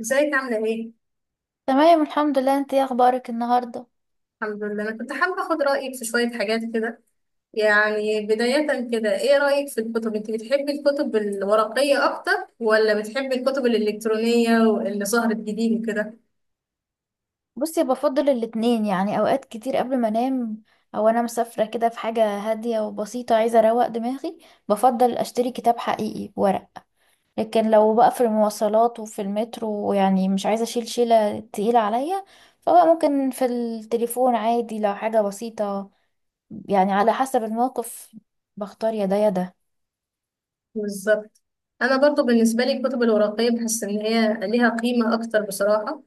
ازيك عاملة ايه؟ تمام، الحمد لله. انت ايه اخبارك النهارده؟ الحمد لله، انا كنت حابة اخد رأيك في شوية حاجات كده. يعني بداية كده، ايه رأيك في الكتب؟ انت بتحبي الكتب الورقية اكتر ولا بتحبي الكتب الالكترونية واللي ظهرت جديد وكده؟ بصي، بفضل الاتنين. يعني اوقات كتير قبل ما انام او انا مسافره كده في حاجه هاديه وبسيطه عايزه اروق دماغي، بفضل اشتري كتاب حقيقي ورق. لكن لو بقى في المواصلات وفي المترو، يعني مش عايزه اشيل شيله تقيله عليا، فبقى ممكن في التليفون عادي لو حاجه بسيطه. يعني على حسب الموقف، بختار يا ده يا ده. بالظبط. انا برضو بالنسبة لي الكتب الورقية بحس ان هي ليها قيمة اكتر بصراحة.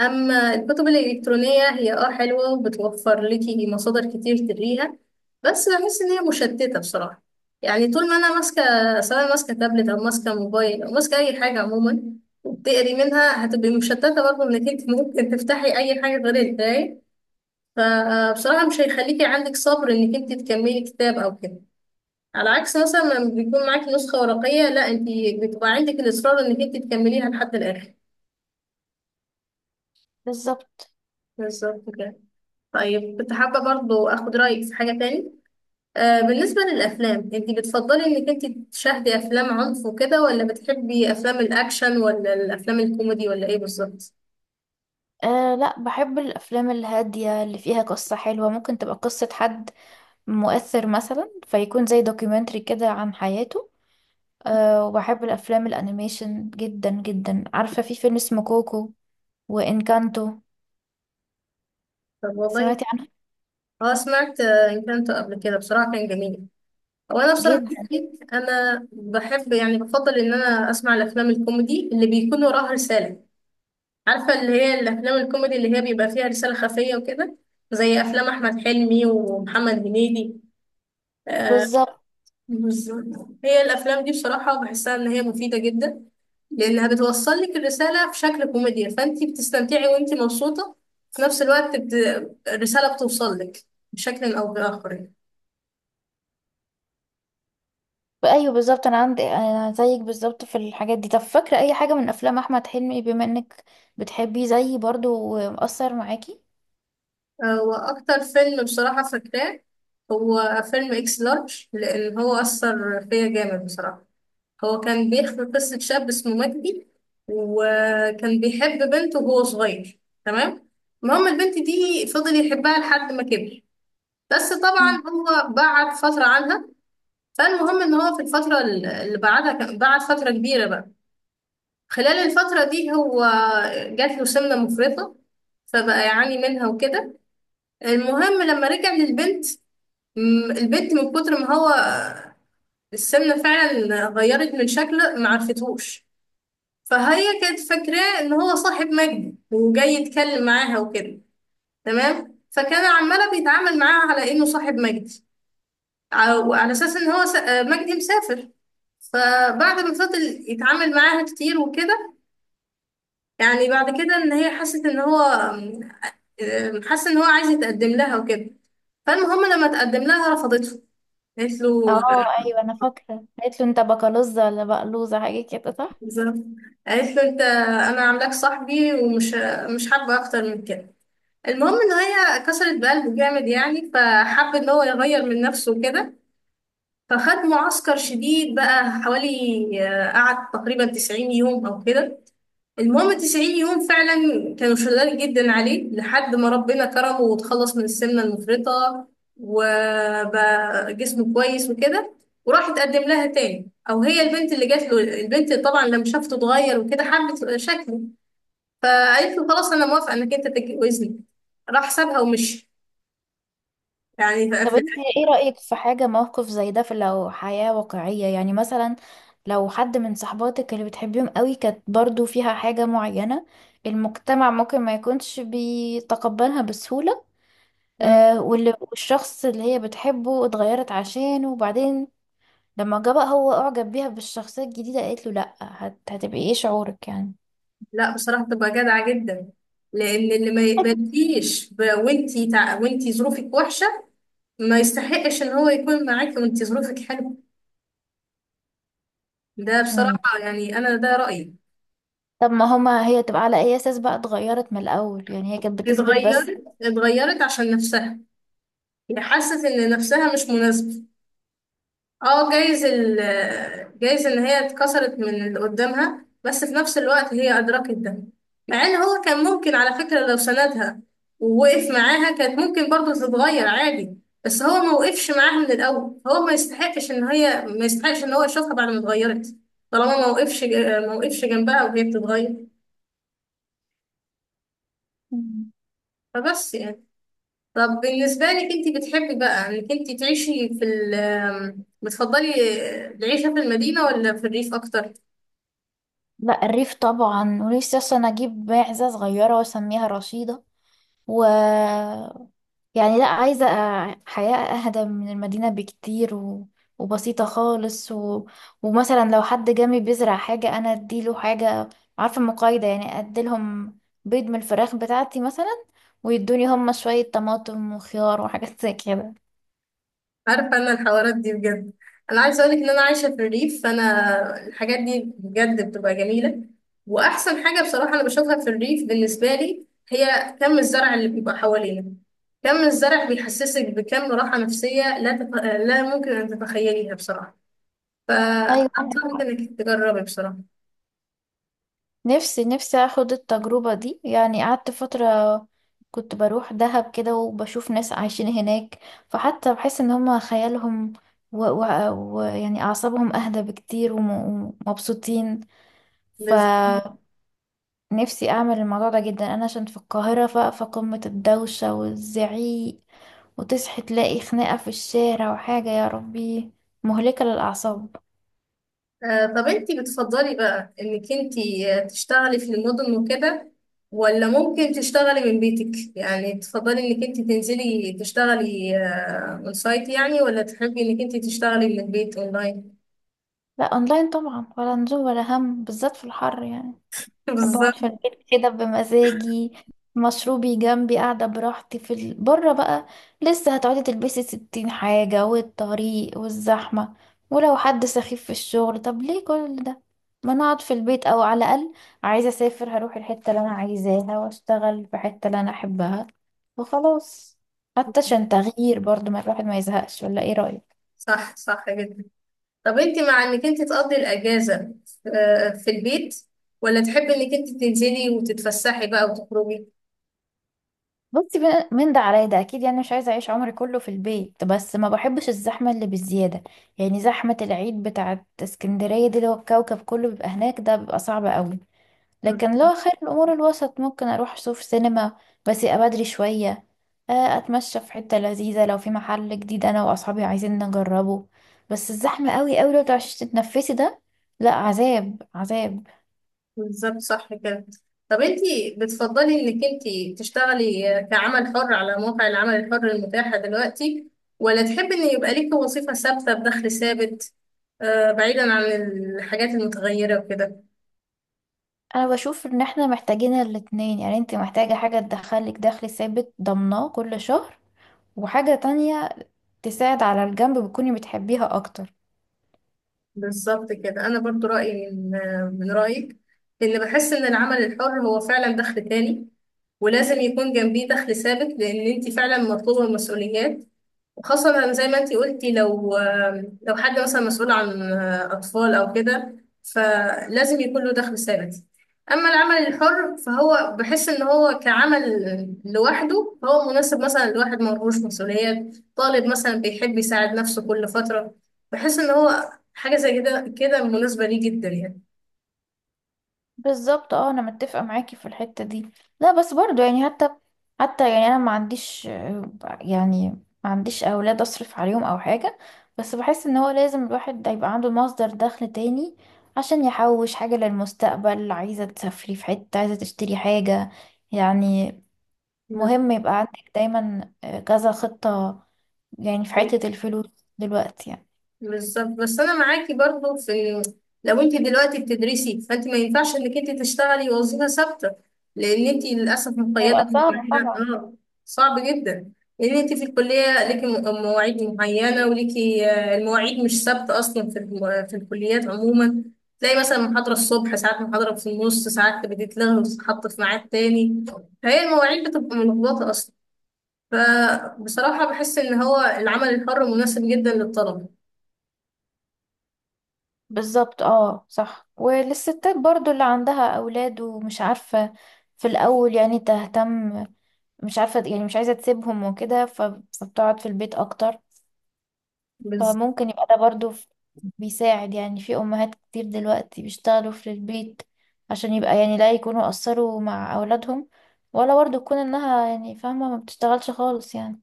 أما الكتب الإلكترونية هي حلوة وبتوفر لكي مصادر كتير تقريها، بس بحس إن هي مشتتة بصراحة. يعني طول ما أنا ماسكة، سواء ماسكة تابلت أو ماسكة موبايل أو ماسكة أي حاجة عموما، وبتقري منها هتبقي مشتتة برضه، إنك أنت ممكن تفتحي أي حاجة غير القراية. فبصراحة مش هيخليكي عندك صبر إنك أنت تكملي كتاب أو كده، على عكس مثلا لما بيكون معاكي نسخة ورقية، لا، أنت بتبقى عندك الإصرار إنك أنت تكمليها لحد الآخر. بالظبط. بالظبط كده. طيب كنت حابة برضو أخد رأيك في حاجة تاني. بالنسبة للأفلام، أنت بتفضلي إنك أنت تشاهدي أفلام عنف وكده، ولا بتحبي أفلام الأكشن، ولا الأفلام الكوميدي، ولا إيه بالظبط؟ آه لا، بحب الافلام الهاديه اللي فيها قصه حلوه، ممكن تبقى قصه حد مؤثر مثلا، فيكون زي دوكيومنتري كده عن حياته. أه، وبحب الأفلام الأنيميشن جدا جدا. عارفة في فيلم اسمه كوكو وإنكانتو؟ طب والله سمعتي عنه؟ أه سمعت، إن كنت قبل كده بصراحة كان جميل. هو أنا بصراحة، جدا. أنا بحب يعني بفضل إن أنا أسمع الأفلام الكوميدي اللي بيكون وراها رسالة. عارفة، اللي هي الأفلام الكوميدي اللي هي بيبقى فيها رسالة خفية وكده، زي أفلام أحمد حلمي ومحمد هنيدي. آه، بالظبط. بالظبط. هي الافلام دي بصراحه بحسها ان هي مفيده جدا، لانها بتوصل لك الرساله في شكل كوميديا، فانت بتستمتعي وانت مبسوطه في نفس الوقت الرساله بتوصل لك بشكل او باخر يعني. أيوه بالظبط، أنا عندي أنا زيك بالظبط في الحاجات دي. طب فاكرة أي حاجة من أفلام أحمد حلمي، بما إنك بتحبيه زيي برضو ومؤثر معاكي؟ واكتر فيلم بصراحه فاكراه هو فيلم اكس لارج، لان هو اثر فيا جامد بصراحه. هو كان بيحكي قصه شاب اسمه مجدي، وكان بيحب بنت وهو صغير. تمام. المهم البنت دي فضل يحبها لحد ما كبر، بس طبعا مم. هو بعد فترة عنها. فالمهم ان هو في الفترة اللي بعدها بعد فترة كبيرة بقى، خلال الفترة دي هو جات له سمنة مفرطة، فبقى يعاني منها وكده. المهم لما رجع للبنت، البنت من كتر ما هو السمنة فعلا غيرت من شكله معرفتهوش. فهي كانت فاكراه ان هو صاحب مجد وجاي يتكلم معاها وكده. تمام. فكان عمالة بيتعامل معاها على انه صاحب مجد، وعلى اساس ان هو مجدي مسافر. فبعد ما فضل يتعامل معاها كتير وكده، يعني بعد كده ان هي حست ان هو، حس ان هو عايز يتقدم لها وكده. فالمهم لما تقدم لها رفضته. قالت له اه ايوه انا فاكره، قالت له انت بكالوزه ولا بقلوزه حاجه كده، صح؟ بالظبط، قالت له انت انا عاملاك صاحبي ومش مش حابه اكتر من كده. المهم ان هي كسرت بقلبه جامد يعني، فحب ان هو يغير من نفسه كده. فخد معسكر شديد بقى، حوالي قعد تقريبا 90 يوم او كده. المهم 90 يوم فعلا كانوا شغال جدا عليه لحد ما ربنا كرمه وتخلص من السمنة المفرطة، وبقى جسمه كويس وكده. وراح اتقدم لها تاني، او هي البنت اللي جات له. البنت طبعا لما شافته اتغير وكده حبت شكله، فقالت له خلاص انا موافقة انك انت تتجوزني. راح سابها ومشي يعني. طب في انت ايه رأيك في حاجة موقف زي ده في لو حياة واقعية؟ يعني مثلا لو حد من صحباتك اللي بتحبيهم قوي كانت برضو فيها حاجة معينة المجتمع ممكن ما يكونش بيتقبلها بسهولة، مم. آه، واللي والشخص اللي هي بتحبه اتغيرت عشانه وبعدين لما جه بقى هو اعجب بيها بالشخصية الجديدة قالت له لا، هتبقي ايه شعورك يعني؟ لا بصراحة بتبقى جادعة جدا، لأن اللي ما يقبلكيش ب- وانتي وانتي ظروفك وحشة، ما يستحقش ان هو يكون معاكي وانت ظروفك حلوه. ده مم. بصراحه يعني انا ده رايي. طب ما هما، هي تبقى على اي اساس بقى اتغيرت من الاول؟ يعني هي كانت بتثبت بس. اتغيرت عشان نفسها، هي حست ان نفسها مش مناسبه. اه جايز جايز ان هي اتكسرت من اللي قدامها، بس في نفس الوقت هي ادركت ده. مع ان هو كان ممكن على فكرة لو سندها ووقف معاها، كانت ممكن برضه تتغير عادي. بس هو ما وقفش معاها من الاول، هو ما يستحقش ان هي، ما يستحقش ان هو يشوفها بعد ما اتغيرت، طالما ما وقفش، ما وقفش جنبها وهي بتتغير. فبس يعني. طب بالنسبة لك، انت بتحبي بقى انك انت تعيشي في بتفضلي العيشة في المدينة ولا في الريف اكتر؟ لا الريف طبعا، ونفسي اصلا اجيب معزة صغيرة واسميها رشيدة. و يعني لا، عايزة حياة اهدى من المدينة بكتير وبسيطة خالص ومثلا لو حد جامي بيزرع حاجة انا اديله حاجة، عارفة، مقايضة يعني، اديلهم بيض من الفراخ بتاعتي مثلا، ويدوني هما شوية طماطم وخيار وحاجات زي كده. عارفة أنا الحوارات دي بجد، أنا عايزة أقولك إن أنا عايشة في الريف، فأنا الحاجات دي بجد بتبقى جميلة. وأحسن حاجة بصراحة أنا بشوفها في الريف بالنسبة لي هي كم الزرع اللي بيبقى حوالينا. كم الزرع بيحسسك بكم راحة نفسية لا لا ممكن أن تتخيليها بصراحة. ايوه، فأنصحك إنك تجربي بصراحة. نفسي نفسي اخد التجربة دي. يعني قعدت فترة كنت بروح دهب كده وبشوف ناس عايشين هناك، فحتى بحس ان هما خيالهم و... و... يعني اعصابهم اهدى بكتير ومبسوطين. فنفسي اعمل الموضوع ده جدا، انا عشان في القاهرة فقمة الدوشة والزعيق، وتصحي تلاقي خناقة في الشارع وحاجة، يا ربي، مهلكة للأعصاب. طب انتي بتفضلي بقى انك انتي، تشتغلي في المدن وكده، ولا ممكن تشتغلي من بيتك؟ يعني تفضلي انك انتي تنزلي تشتغلي اون سايت يعني، ولا تحبي انك انتي تشتغلي من البيت اونلاين؟ لا اونلاين طبعا، ولا نزول ولا هم بالذات في الحر يعني. بحب بالظبط. اقعد في البيت كده بمزاجي، مشروبي جنبي، قاعدة براحتي بره بقى، لسه هتقعدي تلبسي ستين حاجة والطريق والزحمة، ولو حد سخيف في الشغل، طب ليه كل ده؟ ما نقعد في البيت، او على الاقل عايزة اسافر هروح الحتة اللي انا عايزاها واشتغل في الحتة اللي انا احبها وخلاص. حتى عشان تغيير برضو، ما الواحد ما يزهقش، ولا ايه رأيك؟ صح، صح جدا. طب انتي مع انك انتي تقضي الاجازة في البيت، ولا تحبي انك انتي تنزلي وتتفسحي بقى وتخرجي؟ بصي بقى، من ده على ده اكيد. يعني مش عايزه اعيش عمري كله في البيت، بس ما بحبش الزحمه اللي بالزياده. يعني زحمه العيد بتاعه اسكندريه دي اللي هو الكوكب كله بيبقى هناك، ده بيبقى صعب قوي. لكن لو خير الامور الوسط، ممكن اروح اشوف سينما، بس يبقى بدري شويه، اتمشى في حته لذيذه، لو في محل جديد انا واصحابي عايزين نجربه. بس الزحمه قوي قوي، لو تعرفيش تتنفسي ده، لا عذاب عذاب. بالظبط صح كده. طب انتي بتفضلي انك انتي تشتغلي كعمل حر على موقع العمل الحر المتاحة دلوقتي، ولا تحبي ان يبقى ليكي وظيفة ثابتة بدخل ثابت، بعيدا عن الحاجات المتغيرة وكده؟ انا بشوف ان احنا محتاجين الاتنين، يعني انت محتاجة حاجة تدخلك دخل ثابت ضمناه كل شهر، وحاجة تانية تساعد على الجنب بتكوني بتحبيها اكتر. بالظبط كده. انا برضو رأيي من، من رأيك، لان بحس ان العمل الحر هو فعلا دخل تاني، ولازم يكون جنبيه دخل ثابت، لان انتي فعلا مطلوبة المسؤوليات، وخاصة زي ما انتي قلتي. لو، لو حد مثلا مسؤول عن أطفال أو كده، فلازم يكون له دخل ثابت. أما العمل الحر فهو بحس إن هو كعمل لوحده فهو مناسب مثلا لواحد ملهوش مسؤوليات، طالب مثلا بيحب يساعد نفسه كل فترة، بحس إن هو حاجة زي كده كده مناسبة ليه جدا. بالظبط اه، انا متفقة معاكي في الحتة دي. لا بس برضو، يعني حتى يعني انا ما عنديش يعني ما عنديش اولاد اصرف عليهم او حاجة. بس بحس ان هو لازم الواحد ده يبقى عنده مصدر دخل تاني عشان يحوش حاجة للمستقبل، عايزة تسافري في حتة، عايزة تشتري حاجة يعني. يعني مهم يبقى عندك دايما كذا خطة، يعني في حتة الفلوس دلوقتي يعني. بالظبط. بس انا معاكي برضو في، لو انت دلوقتي بتدرسي فانت ما ينفعش انك انت تشتغلي وظيفه ثابته، لان انت للاسف مقيده هيبقى صعب بمواعيد. طبعا. اه صعب جدا. لان انت في الكليه ليكي مواعيد معينه وليكي، المواعيد مش ثابته اصلا في في الكليات عموما. تلاقي مثلا محاضره الصبح، ساعات محاضره في النص ساعات بتتلغى وتتحط في ميعاد تاني، فهي المواعيد بتبقى ملخبطه اصلا. فبصراحه بحس ان هو العمل الحر مناسب جدا للطلبه. بالظبط اه صح، وللستات برضو اللي عندها أولاد ومش عارفة في الأول يعني تهتم، مش عارفة يعني مش عايزة تسيبهم وكده، فبتقعد في البيت أكتر، فممكن يبقى ده برضو بيساعد. يعني في أمهات كتير دلوقتي بيشتغلوا في البيت عشان يبقى يعني لا يكونوا قصروا مع أولادهم، ولا برضو تكون إنها يعني فاهمة ما بتشتغلش خالص يعني.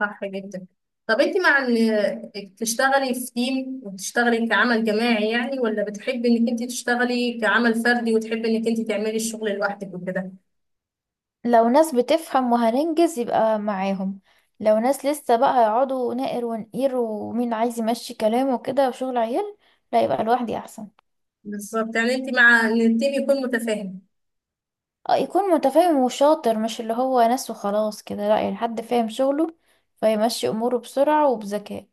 صح جدا. طب انت مع ان تشتغلي في تيم وتشتغلي كعمل جماعي يعني، ولا بتحبي انك انت تشتغلي كعمل فردي وتحبي انك انت تعملي الشغل لوحدك وكده؟ لو ناس بتفهم وهننجز يبقى معاهم. لو ناس لسه بقى هيقعدوا نقر ونقير ومين عايز يمشي كلامه وكده وشغل عيال، لا يبقى لوحدي احسن. بالظبط. يعني انت مع ان التيم يكون متفاهم. اه يكون متفاهم وشاطر، مش اللي هو ناس وخلاص كده، لا يعني حد فاهم شغله فيمشي اموره بسرعة وبذكاء.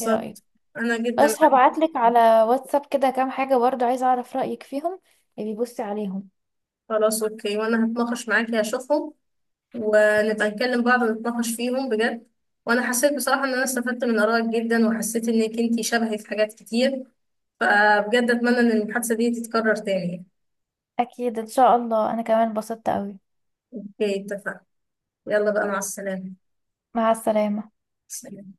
ايه رأيك؟ انا جدا بس معاكي. هبعتلك على واتساب كده كام حاجة برضو عايزة اعرف رأيك فيهم، يبقى بصي عليهم. خلاص اوكي، وانا هتناقش معاكي هشوفهم، ونبقى نكلم بعض ونتناقش فيهم بجد. وانا حسيت بصراحة ان انا استفدت من ارائك جدا، وحسيت انك انت شبهي في حاجات كتير، فبجد اتمنى ان المحادثة دي تتكرر تاني. اكيد ان شاء الله، انا كمان اتبسطت قوي. اوكي اتفقنا. يلا بقى مع السلامة. مع السلامة. سلام.